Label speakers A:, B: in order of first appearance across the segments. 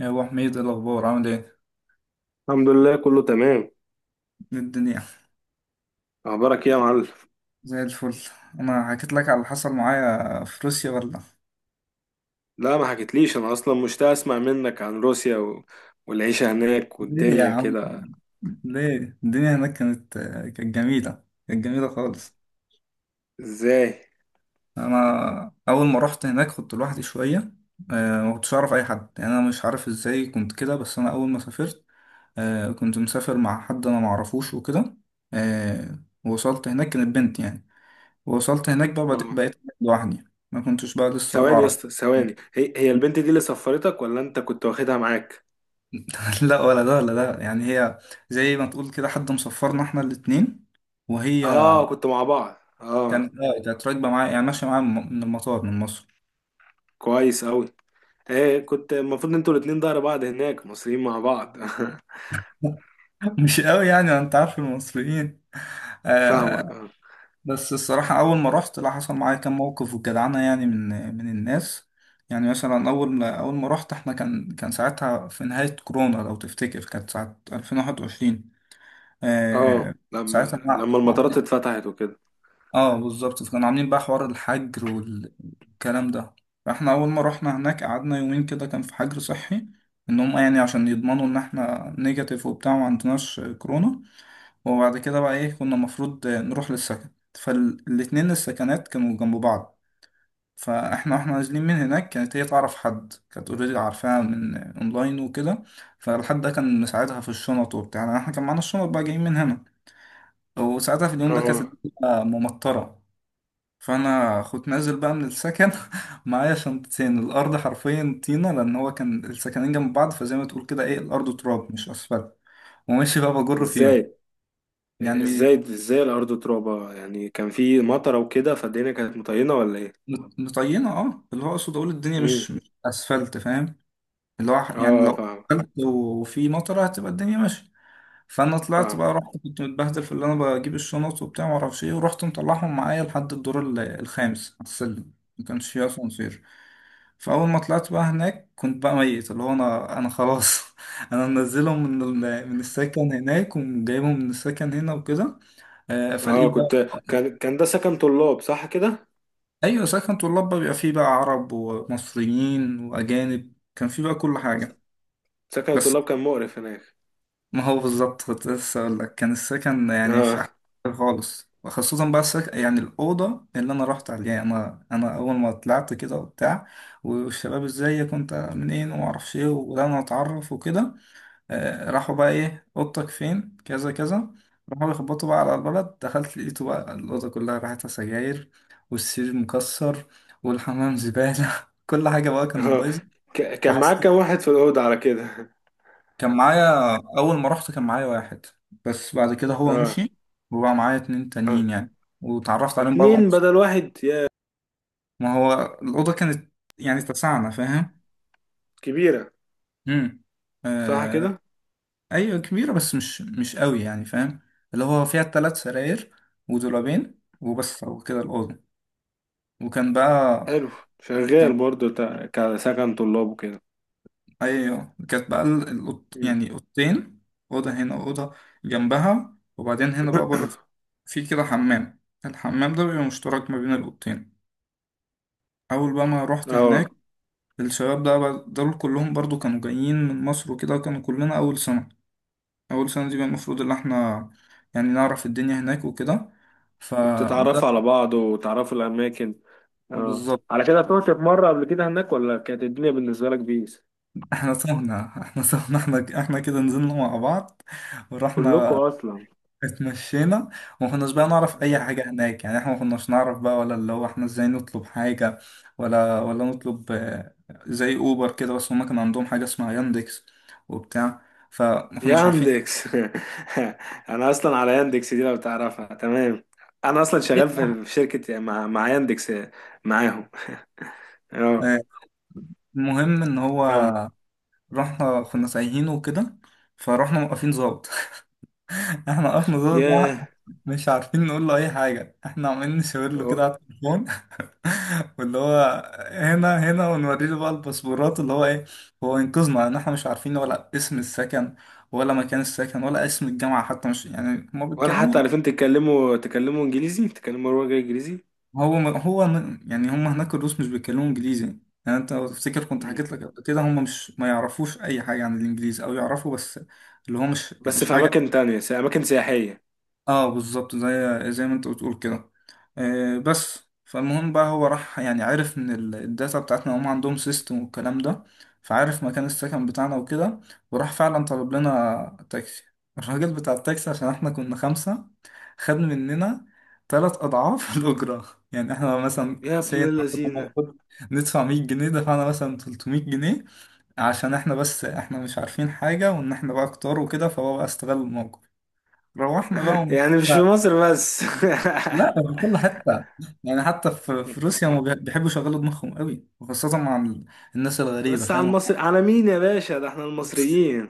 A: يا ابو حميد، إيه الاخبار؟ عامل ايه؟
B: الحمد لله، كله تمام.
A: إيه الدنيا؟
B: اخبارك ايه يا معلم؟
A: زي الفل. انا حكيت لك على اللي حصل معايا في روسيا ولا؟
B: لا ما حكيتليش. انا اصلا مشتاق اسمع منك عن روسيا والعيشه هناك
A: ليه يا
B: والدنيا
A: عم؟
B: كده.
A: ليه؟ الدنيا هناك كانت، كانت جميله خالص.
B: ازاي؟
A: انا اول ما رحت هناك كنت لوحدي شويه. ما كنتش اعرف اي حد، يعني انا مش عارف ازاي كنت كده، بس انا اول ما سافرت كنت مسافر مع حد انا ما اعرفوش وكده. آه، ووصلت هناك كانت بنت يعني، ووصلت هناك بقى بد-
B: آه.
A: بقيت لوحدي، ما كنتش بقى لسه ولا
B: ثواني يا
A: اعرف.
B: اسطى، ثواني. هي البنت دي اللي سفرتك ولا انت كنت واخدها معاك؟
A: لا، ولا ده ولا ده يعني، هي زي ما تقول كده حد مصفرنا احنا الاتنين، وهي
B: اه، كنت مع بعض، اه.
A: كانت، اه كانت راكبه معايا، يعني ماشيه معايا من المطار من مصر.
B: كويس اوي. ايه، كنت المفروض انتوا الاتنين ظهر بعض هناك مصريين مع بعض.
A: مش قوي، يعني ما انت عارف المصريين. آه.
B: فاهمك، اه.
A: بس الصراحه اول ما رحت لا حصل معايا كام موقف وجدعنه، يعني من من الناس. يعني مثلا اول ما رحت احنا كان، ساعتها في نهايه كورونا لو تفتكر، كانت ساعه 2021. آه.
B: اه،
A: ساعتها
B: لما المطارات اتفتحت وكده.
A: اه بالظبط، فكانوا عاملين بقى حوار الحجر والكلام ده. فاحنا اول ما رحنا هناك قعدنا يومين كده كان في حجر صحي، ان هم يعني عشان يضمنوا ان احنا نيجاتيف وبتاع وما عندناش كورونا. وبعد كده بقى ايه، كنا المفروض نروح للسكن، فالاتنين السكنات كانوا جنب بعض. فاحنا واحنا نازلين من هناك كانت هي تعرف حد، كانت اوريدي عارفاها من اونلاين وكده. فالحد ده كان مساعدها في الشنط وبتاع، يعني احنا كان معانا الشنط بقى جايين من هنا. وساعتها في اليوم ده كانت
B: اه.
A: الدنيا ممطرة. فانا كنت نازل بقى من السكن، معايا شنطتين، الارض حرفيا طينه، لان هو كان السكنين جنب بعض، فزي ما تقول كده ايه، الارض تراب مش اسفلت، وماشي بقى بجر
B: ازاي؟
A: فيهم. يعني
B: ازاي الارض ترابه؟ يعني كان في مطره وكده، فالدنيا كانت مطينه ولا ايه؟
A: مطينه، اه، اللي هو اقصد اقول الدنيا
B: امم.
A: مش اسفلت، فاهم؟ اللي هو يعني
B: اه،
A: لو
B: فاهم.
A: اسفلت وفي مطره هتبقى الدنيا ماشيه. فانا طلعت
B: فاهم.
A: بقى، رحت كنت متبهدل في اللي انا بجيب الشنط وبتاع، ما اعرفش ايه، ورحت مطلعهم معايا لحد الدور الخامس على السلم، ما كانش فيه اسانسير. فاول ما طلعت بقى هناك كنت بقى ميت، اللي هو انا خلاص. انا منزلهم من من السكن هناك، وجايبهم من السكن هنا وكده.
B: اه،
A: فلقيت بقى،
B: كنت. كان ده سكن طلاب صح كده؟
A: ايوه سكن طلاب بقى، بيبقى فيه بقى عرب ومصريين واجانب، كان فيه بقى كل حاجه.
B: سكن
A: بس،
B: الطلاب كان مقرف هناك.
A: ما هو بالظبط كنت لسه أقول لك، كان السكن يعني مش أحسن
B: اه.
A: حاجة خالص. وخصوصا بقى السكن يعني، الأوضة اللي أنا رحت عليها، أنا أول ما طلعت كده وبتاع، والشباب إزيك وأنت منين وما أعرفش إيه، وبدأنا نتعرف وكده. آه، راحوا بقى إيه، أوضتك فين كذا كذا، راحوا يخبطوا بقى على البلد. دخلت لقيته بقى الأوضة كلها ريحتها سجاير، والسرير مكسر، والحمام زبالة، كل حاجة بقى كانت
B: اه،
A: بايظة.
B: كان معاك كام
A: وحسيت،
B: واحد في الاوضه على كده؟
A: كان معايا أول ما رحت كان معايا واحد، بس بعد كده هو
B: اه.
A: مشي، وبقى معايا اتنين
B: اه.
A: تانيين يعني، واتعرفت عليهم بقى، بقى
B: اتنين
A: مبسوط.
B: بدل واحد يا.
A: ما هو الأوضة كانت، يعني اتسعنا، فاهم؟
B: كبيره.
A: امم.
B: صح
A: آه.
B: كده.
A: أيوة كبيرة بس مش قوي يعني، فاهم؟ اللي هو فيها تلات سراير ودولابين وبس وكده الأوضة. وكان بقى،
B: حلو. شغال برضو كسكن طلاب وكده.
A: ايوه كانت بقى الأوض،
B: مم.
A: يعني اوضتين، اوضه هنا واوضه جنبها، وبعدين هنا بقى بره في كده حمام، الحمام ده بيبقى مشترك ما بين الاوضتين. اول بقى ما رحت
B: اه.
A: هناك، الشباب ده دول كلهم برضو كانوا جايين من مصر وكده، كانوا كلنا اول سنه. اول سنه دي بقى المفروض ان احنا يعني نعرف الدنيا هناك وكده. ف،
B: وبتتعرفوا على بعض وتعرفوا الاماكن. اه.
A: بالظبط.
B: على كده طلعت في مرة قبل كده هناك ولا كانت الدنيا بالنسبة لك بيس؟
A: احنا تهنا احنا تهنا احنا احنا كده، نزلنا مع بعض
B: كلكم
A: ورحنا
B: اصلا.
A: اتمشينا، وما كناش بقى نعرف اي حاجه هناك، يعني احنا ما كناش نعرف بقى ولا، اللي هو احنا ازاي نطلب حاجه، ولا نطلب. زي اوبر كده، بس هما كان عندهم حاجه اسمها ياندكس وبتاع، فما كناش عارفين.
B: ياندكس. انا اصلا على ياندكس دي لو تعرفها تمام. انا اصلا شغال في شركة مع ياندكس. معاهم. اه.
A: آه، المهم ان هو
B: كم؟
A: رحنا كنا سايحين وكده، فرحنا موقفين ظابط. احنا وقفنا ظابط
B: ياه.
A: مش عارفين نقول له اي حاجه، احنا عمالين نشاور له
B: و-
A: كده على التليفون، واللي هو هنا ونوري له بقى الباسبورات، اللي هو ايه، هو ينقذنا، لان احنا مش عارفين ولا اسم السكن، ولا مكان السكن، ولا اسم الجامعه حتى، مش يعني، هما
B: ولا
A: بيتكلموا
B: حتى عارفين تتكلموا، انجليزي، تتكلموا لغة انجليزي.
A: يعني هما هناك الروس مش بيتكلموا انجليزي. يعني انت لو تفتكر كنت
B: مم.
A: حكيت لك قبل كده، هما مش ما يعرفوش اي حاجه عن الانجليزي، او يعرفوا بس اللي هو مش
B: بس
A: مش
B: في
A: حاجه.
B: اماكن تانية اماكن سياحية.
A: اه بالظبط، زي ما انت بتقول كده. آه بس، فالمهم بقى هو راح يعني عرف من الداتا بتاعتنا، هم عندهم سيستم والكلام ده، فعارف مكان السكن بتاعنا وكده، وراح فعلا طلب لنا تاكسي. الراجل بتاع التاكسي عشان احنا كنا خمسة، خد مننا تلات أضعاف الأجرة، يعني احنا مثلا
B: يا ابن
A: سين كنا
B: اللذينة.
A: المفروض ندفع 100 جنيه، دفعنا مثلا 300 جنيه، عشان احنا بس احنا مش عارفين حاجة، وان احنا بقى كتار وكده، فهو بقى استغل الموقف. روحنا
B: يعني مش في
A: بقى،
B: مصر بس.
A: لا ده في كل حتة، يعني حتى في روسيا هم بيحبوا يشغلوا دماغهم قوي، وخاصة مع الناس الغريبة،
B: بس على
A: فاهم؟
B: المصري على مين يا باشا؟ ده احنا المصريين.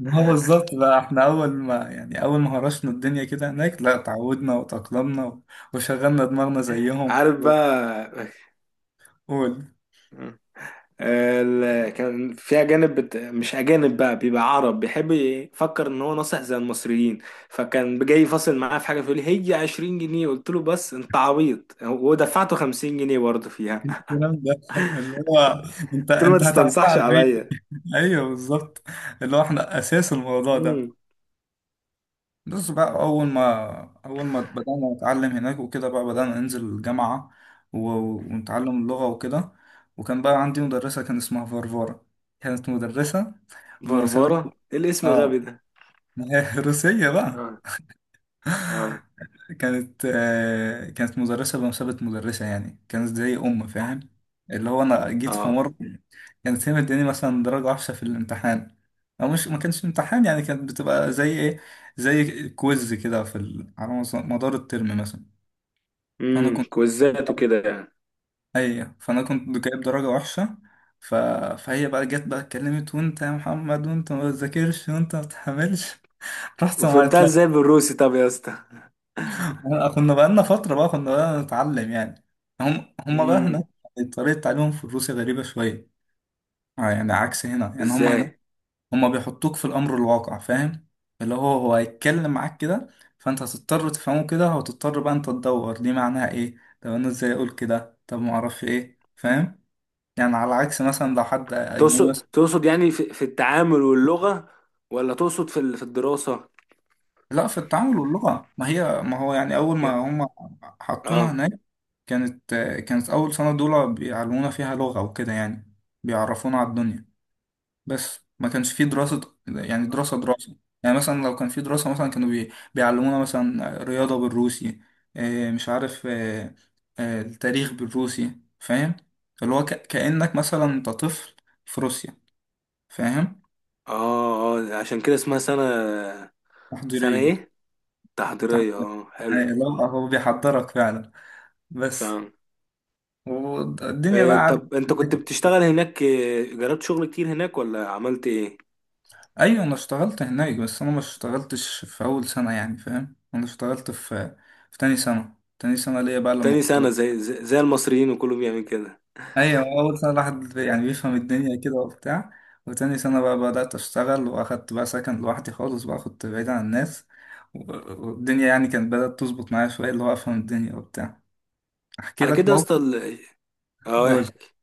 A: ما هو بالظبط بقى احنا أول ما يعني، أول ما هرشنا الدنيا كده هناك، لا اتعودنا وتأقلمنا و، وشغلنا دماغنا زيهم
B: عارف
A: و،
B: بقى.
A: والكلام
B: كان في اجانب، مش اجانب بقى، بيبقى عرب بيحب يفكر ان هو ناصح زي المصريين، فكان جاي فاصل معاه في حاجه فيقول لي هي 20 جنيه، قلت له بس انت عبيط ودفعته 50 جنيه برضه فيها.
A: ده. اللي هو، انت
B: قلت له ما
A: انت هتعملها
B: تستنصحش
A: على مين؟
B: عليا.
A: ايوه بالظبط، اللي هو احنا أساس الموضوع ده.
B: امم.
A: بس بقى أول ما، أول ما بدأنا نتعلم هناك وكده، بقى بدأنا ننزل الجامعة و، ونتعلم اللغة وكده. وكان بقى عندي مدرسة كان اسمها فارفارا، كانت مدرسة بمثابة،
B: فرفره، ايه الاسم الغبي
A: آه،
B: ده؟
A: ما هي روسية بقى.
B: اه. اه.
A: كانت، كانت مدرسة بمثابة مدرسة يعني، كانت زي أم، فاهم؟ اللي هو أنا جيت في
B: اه.
A: مرة كانت هي مداني مثلا درجة وحشة في الامتحان، أو مش ما كانش امتحان يعني، كانت بتبقى زي إيه، زي كويز كده في ال، على مدار الترم مثلا. فأنا
B: امم،
A: كنت
B: كوزات وكده يعني.
A: أي، فأنا كنت جايب درجة وحشة. ف، فهي بقى جت بقى اتكلمت، وأنت يا محمد وأنت ما بتذاكرش وأنت ما بتحملش، رحت معيط.
B: وفهمتها ازاي بالروسي طب يا اسطى؟
A: كنا بقالنا فترة بقى كنا بقى نتعلم يعني، هم بقى هناك،
B: امم.
A: طريقة تعليمهم في روسيا غريبة شوية. يعني عكس هنا يعني، هم هناك
B: ازاي؟
A: هم بيحطوك في الأمر الواقع، فاهم؟ اللي هو هو هيتكلم معاك كده، فأنت هتضطر تفهمه كده، وتضطر بقى أنت تدور دي معناها إيه، طب أنا إزاي أقول كده، طب معرفش إيه، فاهم؟ يعني على عكس مثلا لو حد أجنبي.
B: تقصد يعني في التعامل واللغة، ولا تقصد في الدراسة؟
A: لا في التعامل واللغة، ما هي ما هو يعني أول ما
B: يا-
A: هم حطونا
B: اه.
A: هناك، كانت، كانت أول سنة دول بيعلمونا فيها لغة وكده يعني، بيعرفونا على الدنيا. بس ما كانش في دراسة، يعني دراسة. يعني مثلا لو كان في دراسة، مثلا كانوا بيعلمونا مثلا رياضة بالروسي، مش عارف، التاريخ بالروسي، فاهم؟ اللي هو كأنك مثلا أنت طفل في روسيا، فاهم؟
B: اه. اه، عشان كده اسمها سنة. سنة
A: تحضيرية.
B: ايه؟ تحضيرية،
A: تحضيرية،
B: اه، حلو.
A: يعني اللي هو هو بيحضرك فعلا. بس،
B: فاهم.
A: والدنيا بقى
B: إيه
A: عدت
B: طب انت كنت
A: هناك.
B: بتشتغل هناك إيه، جربت شغل كتير هناك ولا عملت ايه؟
A: ايوه انا اشتغلت هناك، بس انا ما اشتغلتش في اول سنه يعني، فاهم؟ انا اشتغلت في، في تاني سنه، تاني سنه ليا بقى لما
B: تاني
A: كنت
B: سنة،
A: بقى.
B: زي المصريين وكله بيعمل كده.
A: ايوه، اول سنه الواحد يعني بيفهم الدنيا كده وبتاع، وتاني سنه بقى بدات اشتغل، واخدت بقى سكن لوحدي خالص بقى، كنت بعيد عن الناس و، والدنيا يعني كانت بدات تظبط معايا شويه، اللي هو افهم الدنيا وبتاع. احكي
B: على
A: لك
B: كده يا
A: موقف.
B: اسطى، اه،
A: قول.
B: احكي.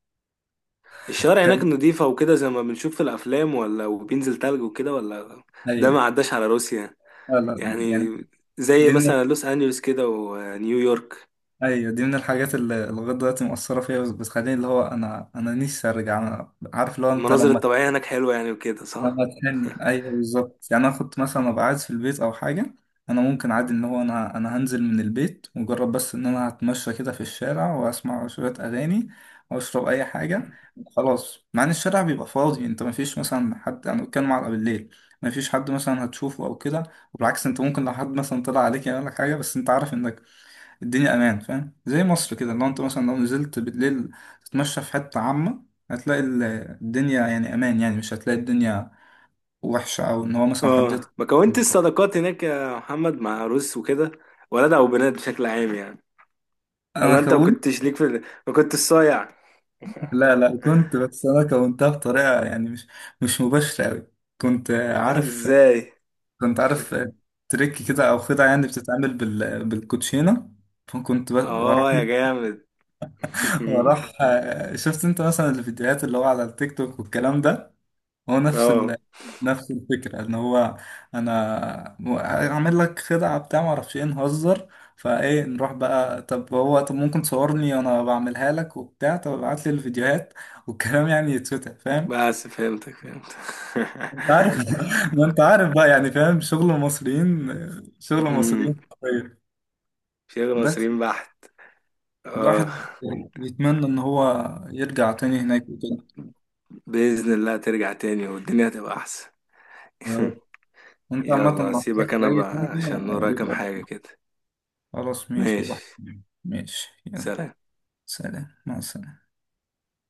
B: الشوارع هناك
A: كان،
B: نضيفة وكده زي ما بنشوف في الافلام ولا؟ وبينزل تلج وكده ولا؟ ده
A: ايوه.
B: ما عداش على روسيا
A: لا لا يعني
B: يعني؟ زي
A: الدنيا،
B: مثلا لوس انجلوس كده ونيويورك.
A: ايوه دي من الحاجات اللي لغايه دلوقتي مؤثره فيا، بس بتخليني اللي هو انا نفسي ارجع، انا عارف اللي هو انت
B: المناظر
A: لما،
B: الطبيعية هناك حلوة يعني، وكده صح؟
A: لما تحن. ايوه بالظبط، يعني انا كنت مثلا ابقى قاعد في البيت او حاجه، انا ممكن عادي ان هو انا، انا هنزل من البيت مجرد بس ان انا هتمشى كده في الشارع، واسمع شويه اغاني واشرب اي حاجه، خلاص. مع ان الشارع بيبقى فاضي، انت مفيش مثلا حد، انا بتكلم على بالليل، مفيش حد مثلا هتشوفه او كده. وبالعكس انت ممكن لو حد مثلا طلع عليك يعمل لك حاجه، بس انت عارف انك الدنيا امان، فاهم؟ زي مصر كده، لو انت مثلا لو نزلت بالليل تتمشى في حته عامه، هتلاقي الدنيا يعني امان، يعني مش هتلاقي الدنيا وحشه، او ان هو مثلا حد
B: اه،
A: يطلع.
B: ما كونتش صداقات هناك يا محمد مع روس وكده؟ ولاد او بنات بشكل عام يعني.
A: انا
B: ولا انت ما
A: كونت،
B: كنتش ليك في ما كنتش صايع؟
A: لا لا كنت، بس انا كونتها بطريقه يعني مش مباشره قوي. كنت عارف،
B: ازاي؟
A: كنت عارف تريك كده او خدعه، يعني بتتعمل بال، بالكوتشينه. فكنت بروح،
B: اه يا جامد.
A: بروح، شفت انت مثلا الفيديوهات اللي هو على التيك توك والكلام ده، هو نفس ال،
B: اه،
A: نفس الفكرة ان هو، انا اعمل لك خدعة بتاع ما اعرفش ايه نهزر، فايه نروح بقى، طب هو طب ممكن تصورني وانا بعملها لك وبتاع، طب ابعت لي الفيديوهات والكلام، يعني يتفتح، فاهم؟
B: بس فهمتك.
A: انت عارف. ما انت عارف بقى، يعني فاهم شغل المصريين، شغل
B: مهم.
A: المصريين حرفيا.
B: شغل
A: بس،
B: مصريين بحت. اه،
A: الواحد يتمنى ان هو يرجع تاني هناك وكده.
B: بإذن الله ترجع تاني والدنيا هتبقى أحسن.
A: يا رب. وانت عامة
B: يلا
A: لو
B: سيبك،
A: احتجت
B: انا
A: اي
B: بقى
A: حاجة
B: عشان ورايا كام حاجة
A: يبقى.
B: كده.
A: خلاص ماشي يا
B: ماشي.
A: وحيد. ماشي يلا.
B: سلام.
A: سلام مع السلامة.